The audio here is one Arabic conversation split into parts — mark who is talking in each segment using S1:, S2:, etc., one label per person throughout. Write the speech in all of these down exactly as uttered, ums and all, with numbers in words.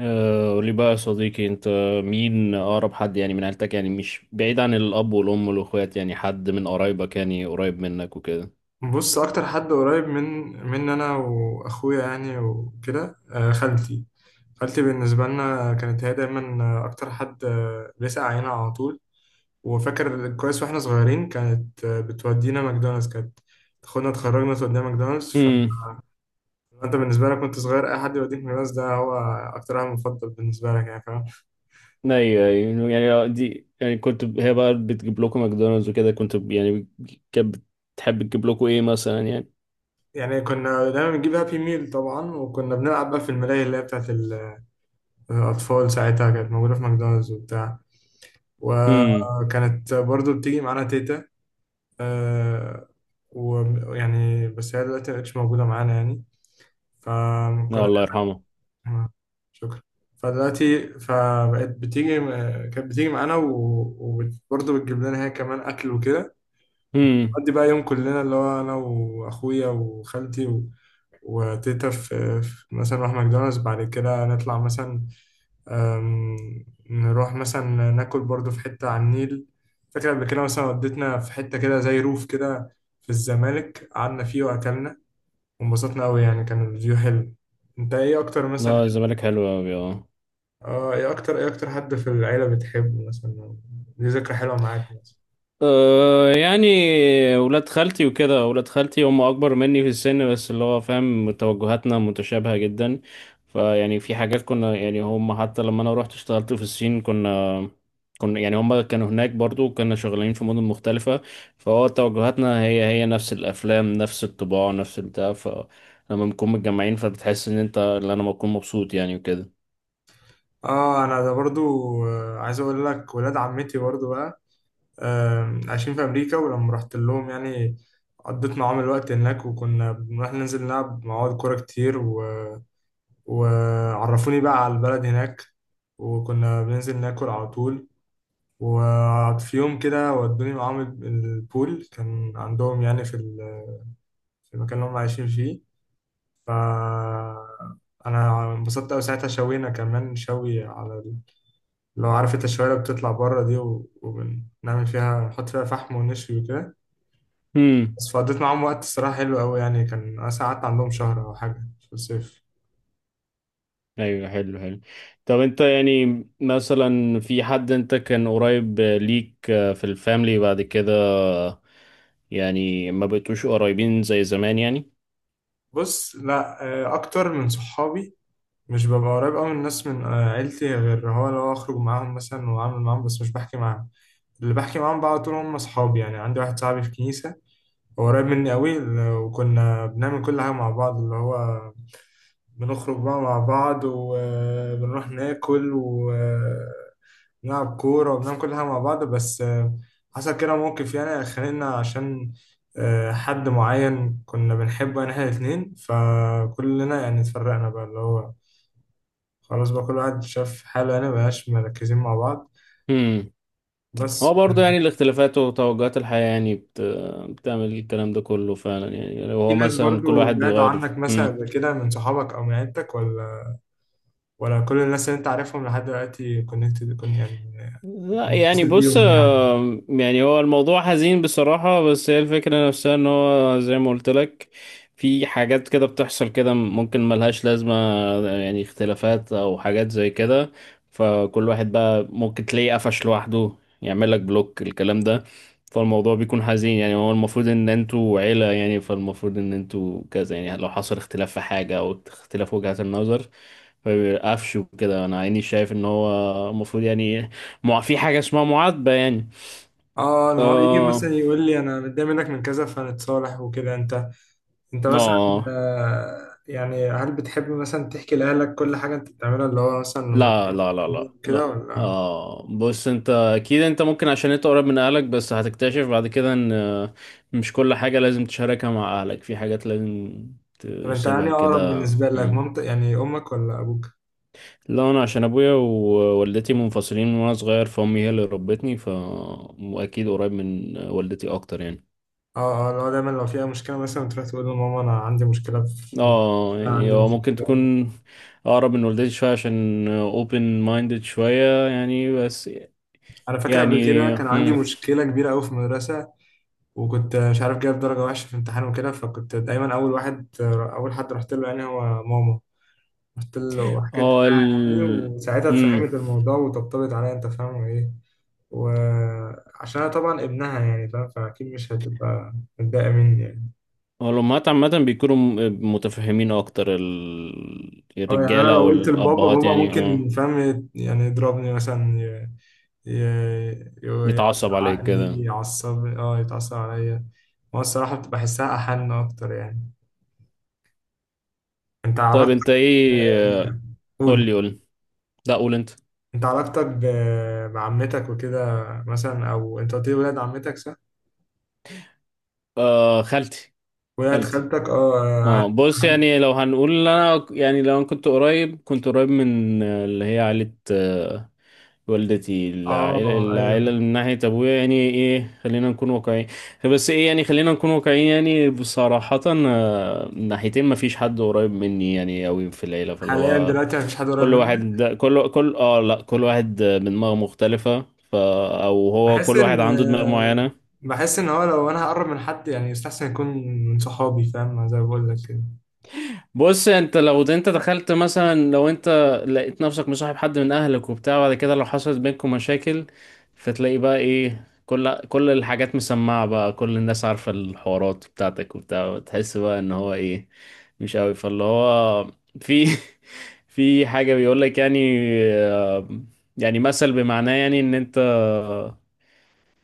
S1: آه، قولي بقى يا صديقي انت مين اقرب حد؟ يعني من عيلتك، يعني مش بعيد عن الاب والام والاخوات، يعني حد من قرايبك يعني قريب منك وكده.
S2: بص اكتر حد قريب من من انا واخويا يعني وكده، آه، خالتي. خالتي بالنسبه لنا كانت هي دايما آه، اكتر حد آه، بيسأل علينا على طول. وفاكر كويس واحنا صغيرين، كانت آه، بتودينا ماكدونالدز، كانت تاخدنا تخرجنا تودينا ماكدونالدز. فانت
S1: امم
S2: بالنسبه لك كنت صغير اي حد يوديك ماكدونالدز ده هو اكتر واحد مفضل بالنسبه لك، يعني فاهم؟
S1: ايوه أيوة. يعني دي، يعني كنت ب- هي بقى بتجيب لكم ماكدونالدز وكده، كنت ب- يعني كانت بتحب تجيب لكم ايه مثلا يعني؟
S2: يعني كنا دايما بنجيب هابي ميل طبعا، وكنا بنلعب بقى في الملاهي اللي هي بتاعت ال- الاطفال ساعتها، كانت موجوده في ماكدونالدز وبتاع.
S1: امم
S2: وكانت برضو بتيجي معانا تيتا. آه، ويعني بس هي دلوقتي مبقتش موجودة معانا يعني.
S1: لا،
S2: فكنا.
S1: الله يرحمه.
S2: شكرا. فدلوقتي فبقت بتيجي، كانت بتيجي معانا و- وبرضه بتجيب لنا هي كمان أكل وكده.
S1: امم
S2: نقضي بقى يوم كلنا، اللي هو أنا وأخويا وخالتي و... وتيتا في... في، مثلا نروح ماكدونالدز بعد كده نطلع مثلا، أم، نروح مثلا ناكل برضو في حتة على النيل. فاكر قبل كده مثلا وديتنا في حتة كده زي روف كده في الزمالك، قعدنا فيه وأكلنا وانبسطنا أوي، يعني كان الفيو حلو. أنت إيه أكتر مثلا؟
S1: لا، الزمالك حلو قوي اه.
S2: آه، إيه أكتر، إيه أكتر حد في العيلة بتحبه مثلا، دي ذكرى حلوة معاك مثلا؟
S1: أه يعني ولاد خالتي وكده، ولاد خالتي هم اكبر مني في السن، بس اللي هو فاهم توجهاتنا متشابهة جدا. فيعني في حاجات كنا يعني هم، حتى لما انا رحت اشتغلت في الصين كنا كنا يعني هم كانوا هناك برضو، كنا شغالين في مدن مختلفة. فهو توجهاتنا هي هي نفس الافلام، نفس الطباع، نفس البتاع. فلما بنكون متجمعين فبتحس ان انت، اللي انا بكون مبسوط يعني وكده.
S2: آه أنا ده برضو، آه، عايز أقول لك ولاد عمتي برضو بقى، آم، عايشين في أمريكا. ولما رحت لهم يعني، قضيت معاهم الوقت هناك، وكنا بنروح ننزل نلعب مع بعض كورة كتير، و وعرفوني بقى على البلد هناك، وكنا بننزل ناكل على طول. وفي يوم كده ودوني معاهم ال- البول كان عندهم يعني في ال- في المكان اللي هم عايشين فيه. ف انا انبسطت قوي ساعتها. شوينا كمان شوي على ال- لو عارف انت الشوايه اللي بتطلع بره دي، و- وبنعمل فيها، نحط فيها فحم ونشوي وكده. بس فقضيت معاهم وقت الصراحه حلو قوي يعني، كان انا قعدت عندهم شهر او حاجه في الصيف.
S1: ايوه، حلو حلو. طب انت يعني مثلا في حد انت كان قريب ليك في الفاميلي بعد كده يعني ما بقيتوش قريبين زي زمان يعني؟
S2: بص لا، آه، اكتر من صحابي. مش ببقى قريب أوي من الناس من آه، عيلتي، غير هو لو أخرج معاهم مثلا وأعمل معاهم، بس مش بحكي معاهم. اللي بحكي معاهم بقى على طول هم أصحابي. يعني عندي واحد صاحبي في كنيسة، هو قريب مني أوي، ل- وكنا بنعمل كل حاجة مع بعض، اللي هو بنخرج بقى مع بعض وبنروح ناكل ونلعب كورة وبنعمل كل حاجة مع بعض. بس آه، حصل كده موقف يعني خانقنا، عشان آه، حد معين كنا بنحبه يعني احنا الاتنين، فكلنا يعني اتفرقنا بقى، اللي هو خلاص بقى كل واحد شاف حاله، يعني مبقاش مركزين مع بعض.
S1: امم.
S2: بس
S1: هو برضه يعني الاختلافات وتوجهات الحياة يعني بت... بتعمل الكلام ده كله فعلا يعني، لو
S2: في
S1: هو
S2: ناس
S1: مثلا كل
S2: برضو
S1: واحد
S2: بعدوا
S1: بيغير.
S2: عنك مثلا
S1: امم
S2: قبل كده من صحابك او من عيلتك، ولا ولا كل الناس اللي انت عارفهم لحد دلوقتي كونكتد كن يعني،
S1: لا، يعني
S2: متصل
S1: بص،
S2: بيهم يعني؟
S1: آه، يعني هو الموضوع حزين بصراحة، بس هي الفكرة نفسها ان هو زي ما قلت لك، في حاجات كده بتحصل كده ممكن ملهاش لازمة، يعني اختلافات او حاجات زي كده. فكل واحد بقى ممكن تلاقيه قفش لوحده، يعمل لك بلوك الكلام ده. فالموضوع بيكون حزين، يعني هو المفروض ان انتوا عيلة يعني، فالمفروض ان انتوا كذا يعني. لو حصل اختلاف في حاجة او اختلاف وجهات النظر فبيبقى قفش وكده. انا عيني شايف ان هو المفروض يعني ما في حاجة اسمها معاتبة يعني.
S2: اه، ان هو يجي
S1: اه.
S2: مثلا يقول لي انا متضايق منك من كذا فنتصالح وكده. انت انت مثلا
S1: اه،
S2: آه، يعني، هل بتحب مثلا تحكي لاهلك كل حاجه انت بتعملها، اللي هو مثلا لما
S1: لا
S2: تعمل
S1: لا لا لا
S2: كده،
S1: لا
S2: ولا؟
S1: اه بص، انت اكيد، انت ممكن عشان انت قريب من اهلك، بس هتكتشف بعد كده ان آه، مش كل حاجة لازم تشاركها مع اهلك، في حاجات لازم
S2: طب انت
S1: تسيبها
S2: يعني اقرب
S1: كده.
S2: بالنسبه لك
S1: مم.
S2: مامتك يعني امك ولا ابوك؟
S1: لا انا عشان ابويا ووالدتي منفصلين من وانا صغير، فامي هي اللي ربتني. ف واكيد قريب من والدتي اكتر يعني.
S2: اه اه، لو دايما لو فيها مشكلة مثلا تروح تقول لماما أنا عندي مشكلة في،
S1: اه
S2: أنا
S1: يعني
S2: عندي
S1: هو ممكن
S2: مشكلة.
S1: تكون اقرب من والدتي شويه عشان اوبن مايندد شويه يعني، بس
S2: أنا فاكر قبل كده
S1: يعني
S2: كان عندي
S1: هم،
S2: مشكلة كبيرة أوي في المدرسة، وكنت مش عارف، جايب درجة وحشة في امتحان وكده. فكنت دايما أول واحد، أول حد رحت له يعني هو ماما. رحت له وحكيت
S1: هو
S2: لها يعني،
S1: ال
S2: وساعتها
S1: امم،
S2: اتفهمت الموضوع وطبطبت عليا. أنت فاهم إيه؟ وعشان أنا طبعا ابنها يعني فاهم، فأكيد مش هتبقى متضايقة مني يعني.
S1: هو الامهات عامه بيكونوا م- متفهمين اكتر ال-
S2: اه يعني أنا
S1: الرجاله
S2: لو
S1: او
S2: قلت لبابا،
S1: الابهات
S2: بابا
S1: يعني
S2: ممكن
S1: اه.
S2: فاهم يعني يضربني مثلا، ي- يقعد
S1: يتعصب عليك
S2: عقلي
S1: كده.
S2: يعصب، اه يتعصب عليا. هو الصراحة بتبقى بحسها أحن أكتر يعني. أنت
S1: طيب
S2: علاقتك.
S1: انت ايه؟ قول
S2: قول.
S1: لي، قول لي. لا، قول انت.
S2: أنت علاقتك ب- بعمتك وكده مثلا، أو أنت قلت لي ولاد عمتك، صح؟
S1: آه، خالتي.
S2: ولاد
S1: خالتي.
S2: خالتك، اه
S1: اه
S2: أهم-
S1: بص
S2: أهم-
S1: يعني لو هنقول انا يعني، لو انا كنت قريب، كنت قريب من اللي هي عائله والدتي، العائلة
S2: اه
S1: العائلة
S2: أيوه.
S1: من ناحية أبويا يعني إيه. خلينا نكون واقعيين، بس إيه يعني، خلينا نكون واقعيين يعني بصراحة، آه، من ناحيتين مفيش حد قريب مني يعني أوي في العيلة، فاللي
S2: حاليا
S1: هو
S2: دلوقتي مفيش حد قريب
S1: كل
S2: مني.
S1: واحد ده كل كل اه لا، كل واحد بدماغ مختلفة. ف او هو
S2: بحس
S1: كل واحد
S2: إن،
S1: عنده دماغ معينة.
S2: بحس إن هو لو أنا هقرب من حد يعني، يستحسن يكون من صحابي، فاهم؟ زي ما بقول لك كده.
S1: بص انت لو انت دخلت مثلا، لو انت لقيت نفسك مصاحب حد من اهلك وبتاع، بعد كده لو حصلت بينكم مشاكل فتلاقي بقى ايه، كل كل الحاجات مسمعة بقى، كل الناس عارفة الحوارات بتاعتك وبتاع، تحس بقى ان هو ايه، مش قوي، فاللي هو في في حاجة بيقول لك يعني، آه، يعني مثل بمعناه يعني ان انت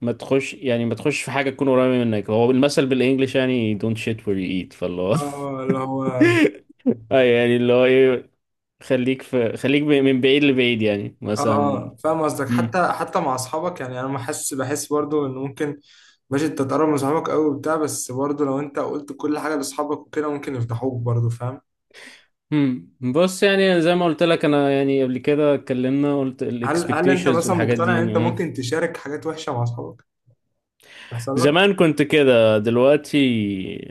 S1: ما تخش يعني ما تخش في حاجة تكون قريبة منك. هو المثل بالانجلش يعني don't shit where you eat، فاللي هو
S2: اه، اللي هو
S1: اه يعني اللي هو ايه، خليك في خليك ب- من بعيد لبعيد يعني
S2: اه
S1: مثلا.
S2: اه فاهم قصدك.
S1: امم
S2: حتى حتى مع اصحابك يعني، انا بحس بحس برضو ان ممكن ماشي انت تقرب من صحابك قوي وبتاع، بس برضو لو انت قلت كل حاجه لاصحابك وكده ممكن يفضحوك برضو، فاهم؟
S1: امم بص يعني زي ما قلت لك انا، يعني قبل كده اتكلمنا قلت
S2: هل هل انت
S1: الاكسبكتيشنز
S2: مثلا
S1: والحاجات دي
S2: مقتنع ان
S1: يعني.
S2: انت
S1: مم.
S2: ممكن تشارك حاجات وحشه مع اصحابك، تحصل؟
S1: زمان كنت كده، دلوقتي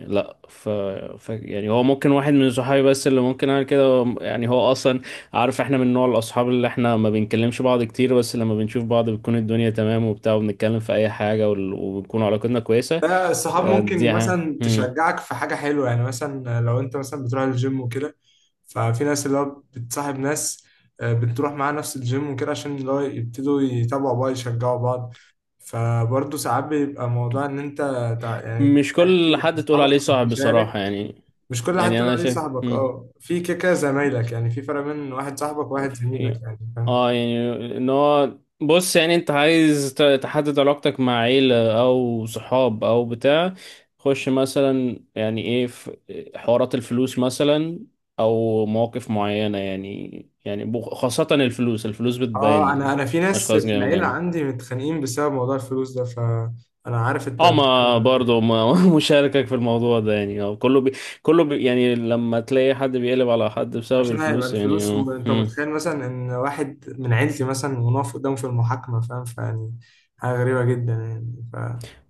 S1: لا. ف... ف يعني هو ممكن واحد من صحابي بس اللي ممكن اعمل كده يعني، هو اصلا عارف احنا من نوع الاصحاب اللي احنا ما بنكلمش بعض كتير، بس لما بنشوف بعض بتكون الدنيا تمام وبتاع، وبنتكلم في اي حاجة وال- وبتكون علاقتنا كويسة.
S2: ده الصحاب
S1: آه، دي
S2: ممكن
S1: ها.
S2: مثلا تشجعك في حاجة حلوة يعني، مثلا لو انت مثلا بتروح الجيم وكده. ففي ناس اللي هو بتصاحب ناس آه، بتروح معاها نفس الجيم وكده، عشان اللي هو يبتدوا يتابعوا بعض يشجعوا بعض. فبرضه ساعات بيبقى موضوع ان انت تع- يعني
S1: مش كل
S2: تحكي
S1: حد تقول
S2: اصحابك
S1: عليه صاحب
S2: تشارك.
S1: بصراحة يعني.
S2: مش كل حد
S1: يعني
S2: تقول
S1: أنا
S2: عليه
S1: شايف
S2: صاحبك،
S1: مم.
S2: اه في كيكة زمايلك يعني، في فرق بين واحد صاحبك وواحد
S1: في
S2: زميلك يعني، فاهم؟
S1: اه يعني ان هو بص يعني انت عايز ت- تحدد علاقتك مع عيلة او صحاب او بتاع، خش مثلا يعني ايه في حوارات الفلوس مثلا او مواقف معينة يعني، يعني بخ- خاصة الفلوس. الفلوس
S2: اه انا
S1: بتبين
S2: انا في ناس
S1: الاشخاص
S2: في
S1: جامد
S2: العيلة
S1: يعني.
S2: عندي متخانقين بسبب موضوع الفلوس ده، فانا عارف انت
S1: اه ما
S2: بتتكلم عن
S1: برضه
S2: إيه.
S1: ما مشاركك في الموضوع ده يعني. اه كله بي كله بي يعني لما تلاقي حد بيقلب على حد بسبب
S2: عشان هيبقى
S1: الفلوس يعني
S2: الفلوس،
S1: اه.
S2: وانت
S1: مم.
S2: متخيل مثلا ان واحد من عيلتي مثلا ونقف قدامه في المحاكمة، فاهم؟ فيعني حاجة غريبة جدا يعني ف...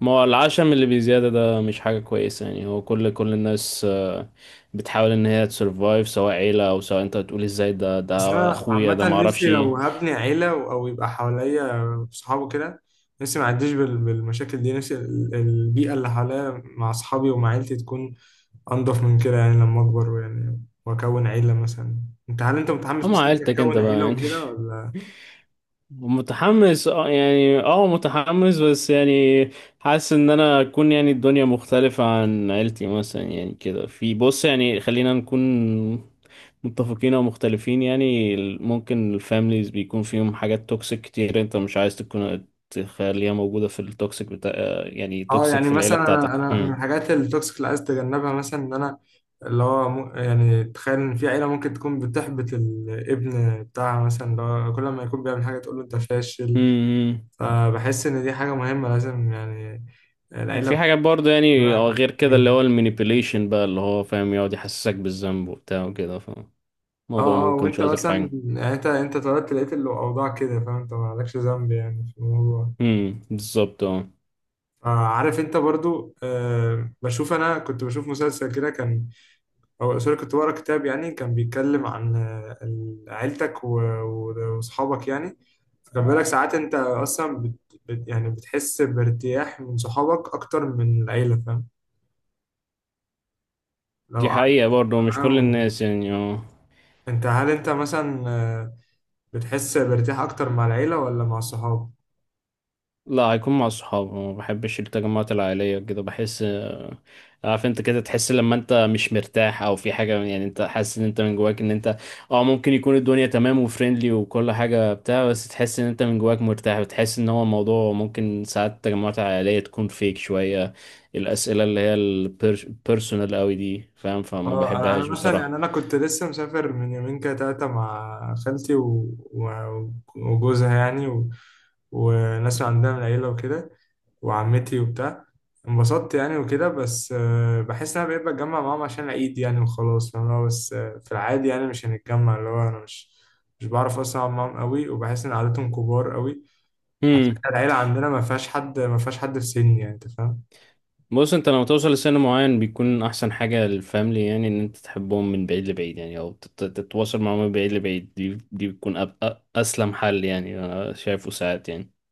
S1: ما هو العشم اللي بزيادة ده مش حاجة كويسة يعني، هو كل كل الناس آه، بتحاول ان هي تسرفايف، سواء عيلة او سواء انت تقول ازاي، ده
S2: بس
S1: ده
S2: انا
S1: اخويا ده
S2: عامة نفسي
S1: معرفش
S2: لو
S1: ايه.
S2: هبني عيلة و- او يبقى حواليا صحابه كده، نفسي ما اعديش بال... بالمشاكل دي. نفسي ال- البيئة اللي حواليا مع اصحابي ومع عيلتي تكون انضف من كده يعني، لما اكبر يعني واكون عيلة مثلا. انت هل انت متحمس
S1: اما
S2: مثلا انت
S1: عيلتك انت
S2: تكون
S1: بقى
S2: عيلة
S1: يعني
S2: وكده، ولا؟
S1: متحمس؟ اه يعني اه متحمس بس يعني حاسس ان انا اكون يعني الدنيا مختلفة عن عيلتي مثلا يعني كده. في بص يعني خلينا نكون متفقين او مختلفين يعني، ال- ممكن الفاميليز بيكون فيهم حاجات توكسيك كتير، انت مش عايز تكون تخليها موجودة في التوكسيك بتاع، يعني
S2: اه
S1: توكسيك
S2: يعني
S1: في العيلة
S2: مثلا انا
S1: بتاعتك.
S2: انا من
S1: هم.
S2: الحاجات التوكسيك اللي عايز اتجنبها مثلا، ان انا اللي هو مو- يعني تخيل ان في عيله ممكن تكون بتحبط الابن بتاعها مثلا، اللي هو كل ما يكون بيعمل حاجه تقول له انت فاشل.
S1: امم
S2: فبحس ان دي حاجه مهمه لازم يعني العيله
S1: في حاجات برضه يعني اه،
S2: بتبقى-.
S1: غير كده اللي هو المانيبيوليشن بقى اللي هو فاهم، يقعد يحسسك بالذنب وبتاع وكده، فالموضوع
S2: اه
S1: ما
S2: اه،
S1: بيكونش
S2: وانت
S1: أظرف
S2: مثلا
S1: حاجة.
S2: يعني انت انت اتولدت لقيت الاوضاع كده، فاهم؟ انت مالكش ذنب يعني في الموضوع.
S1: امم بالظبط اه.
S2: آه، عارف انت برضو، آه، بشوف، انا كنت بشوف مسلسل كده كان، هو سوري كنت بقرا كتاب يعني، كان بيتكلم عن آه، ال- عيلتك و- و- وصحابك يعني. فكان بيقول لك ساعات انت اصلا بت بت يعني بتحس بارتياح من صحابك اكتر من العيله، فاهم؟ لو
S1: دي
S2: قعدت
S1: حقيقة برضه، مش كل
S2: معاهم.
S1: الناس يعني اه.
S2: انت هل انت مثلا آه، بتحس بارتياح اكتر مع العيله ولا مع الصحاب؟
S1: لا، هيكون مع الصحاب. ما بحبش التجمعات العائلية كده، بحس آه، عارف انت كده تحس لما انت مش مرتاح او في حاجة يعني، انت حاسس ان انت من جواك ان انت اه، ممكن يكون الدنيا تمام وفريندلي وكل حاجة بتاع، بس تحس ان انت من جواك مرتاح، وتحس ان هو الموضوع ممكن ساعات التجمعات العائلية تكون فيك شوية الأسئلة اللي هي البيرسونال قوي دي فاهم، فما
S2: اه انا انا
S1: بحبهاش
S2: مثلا يعني،
S1: بصراحة.
S2: انا كنت لسه مسافر من يومين كده تلاته مع خالتي و- و- وجوزها يعني، و- وناس عندها من العيله وكده وعمتي وبتاع. انبسطت يعني وكده. بس آه، بحس ان انا بقيت بتجمع معاهم عشان العيد يعني وخلاص، فاهم؟ اللي هو بس آه، في العادي يعني مش هنتجمع، اللي هو انا مش مش بعرف اصلا اقعد معاهم قوي، وبحس ان عادتهم كبار قوي، عشان العيله عندنا ما فيهاش حد، ما فيهاش حد في سني يعني، انت فاهم؟
S1: بص انت لما توصل لسن معين بيكون احسن حاجة للفاميلي يعني، ان انت تحبهم من بعيد لبعيد يعني، او تت- تتواصل معاهم من بعيد لبعيد، دي دي بتكون أب- أ- اسلم حل يعني انا شايفه ساعات يعني.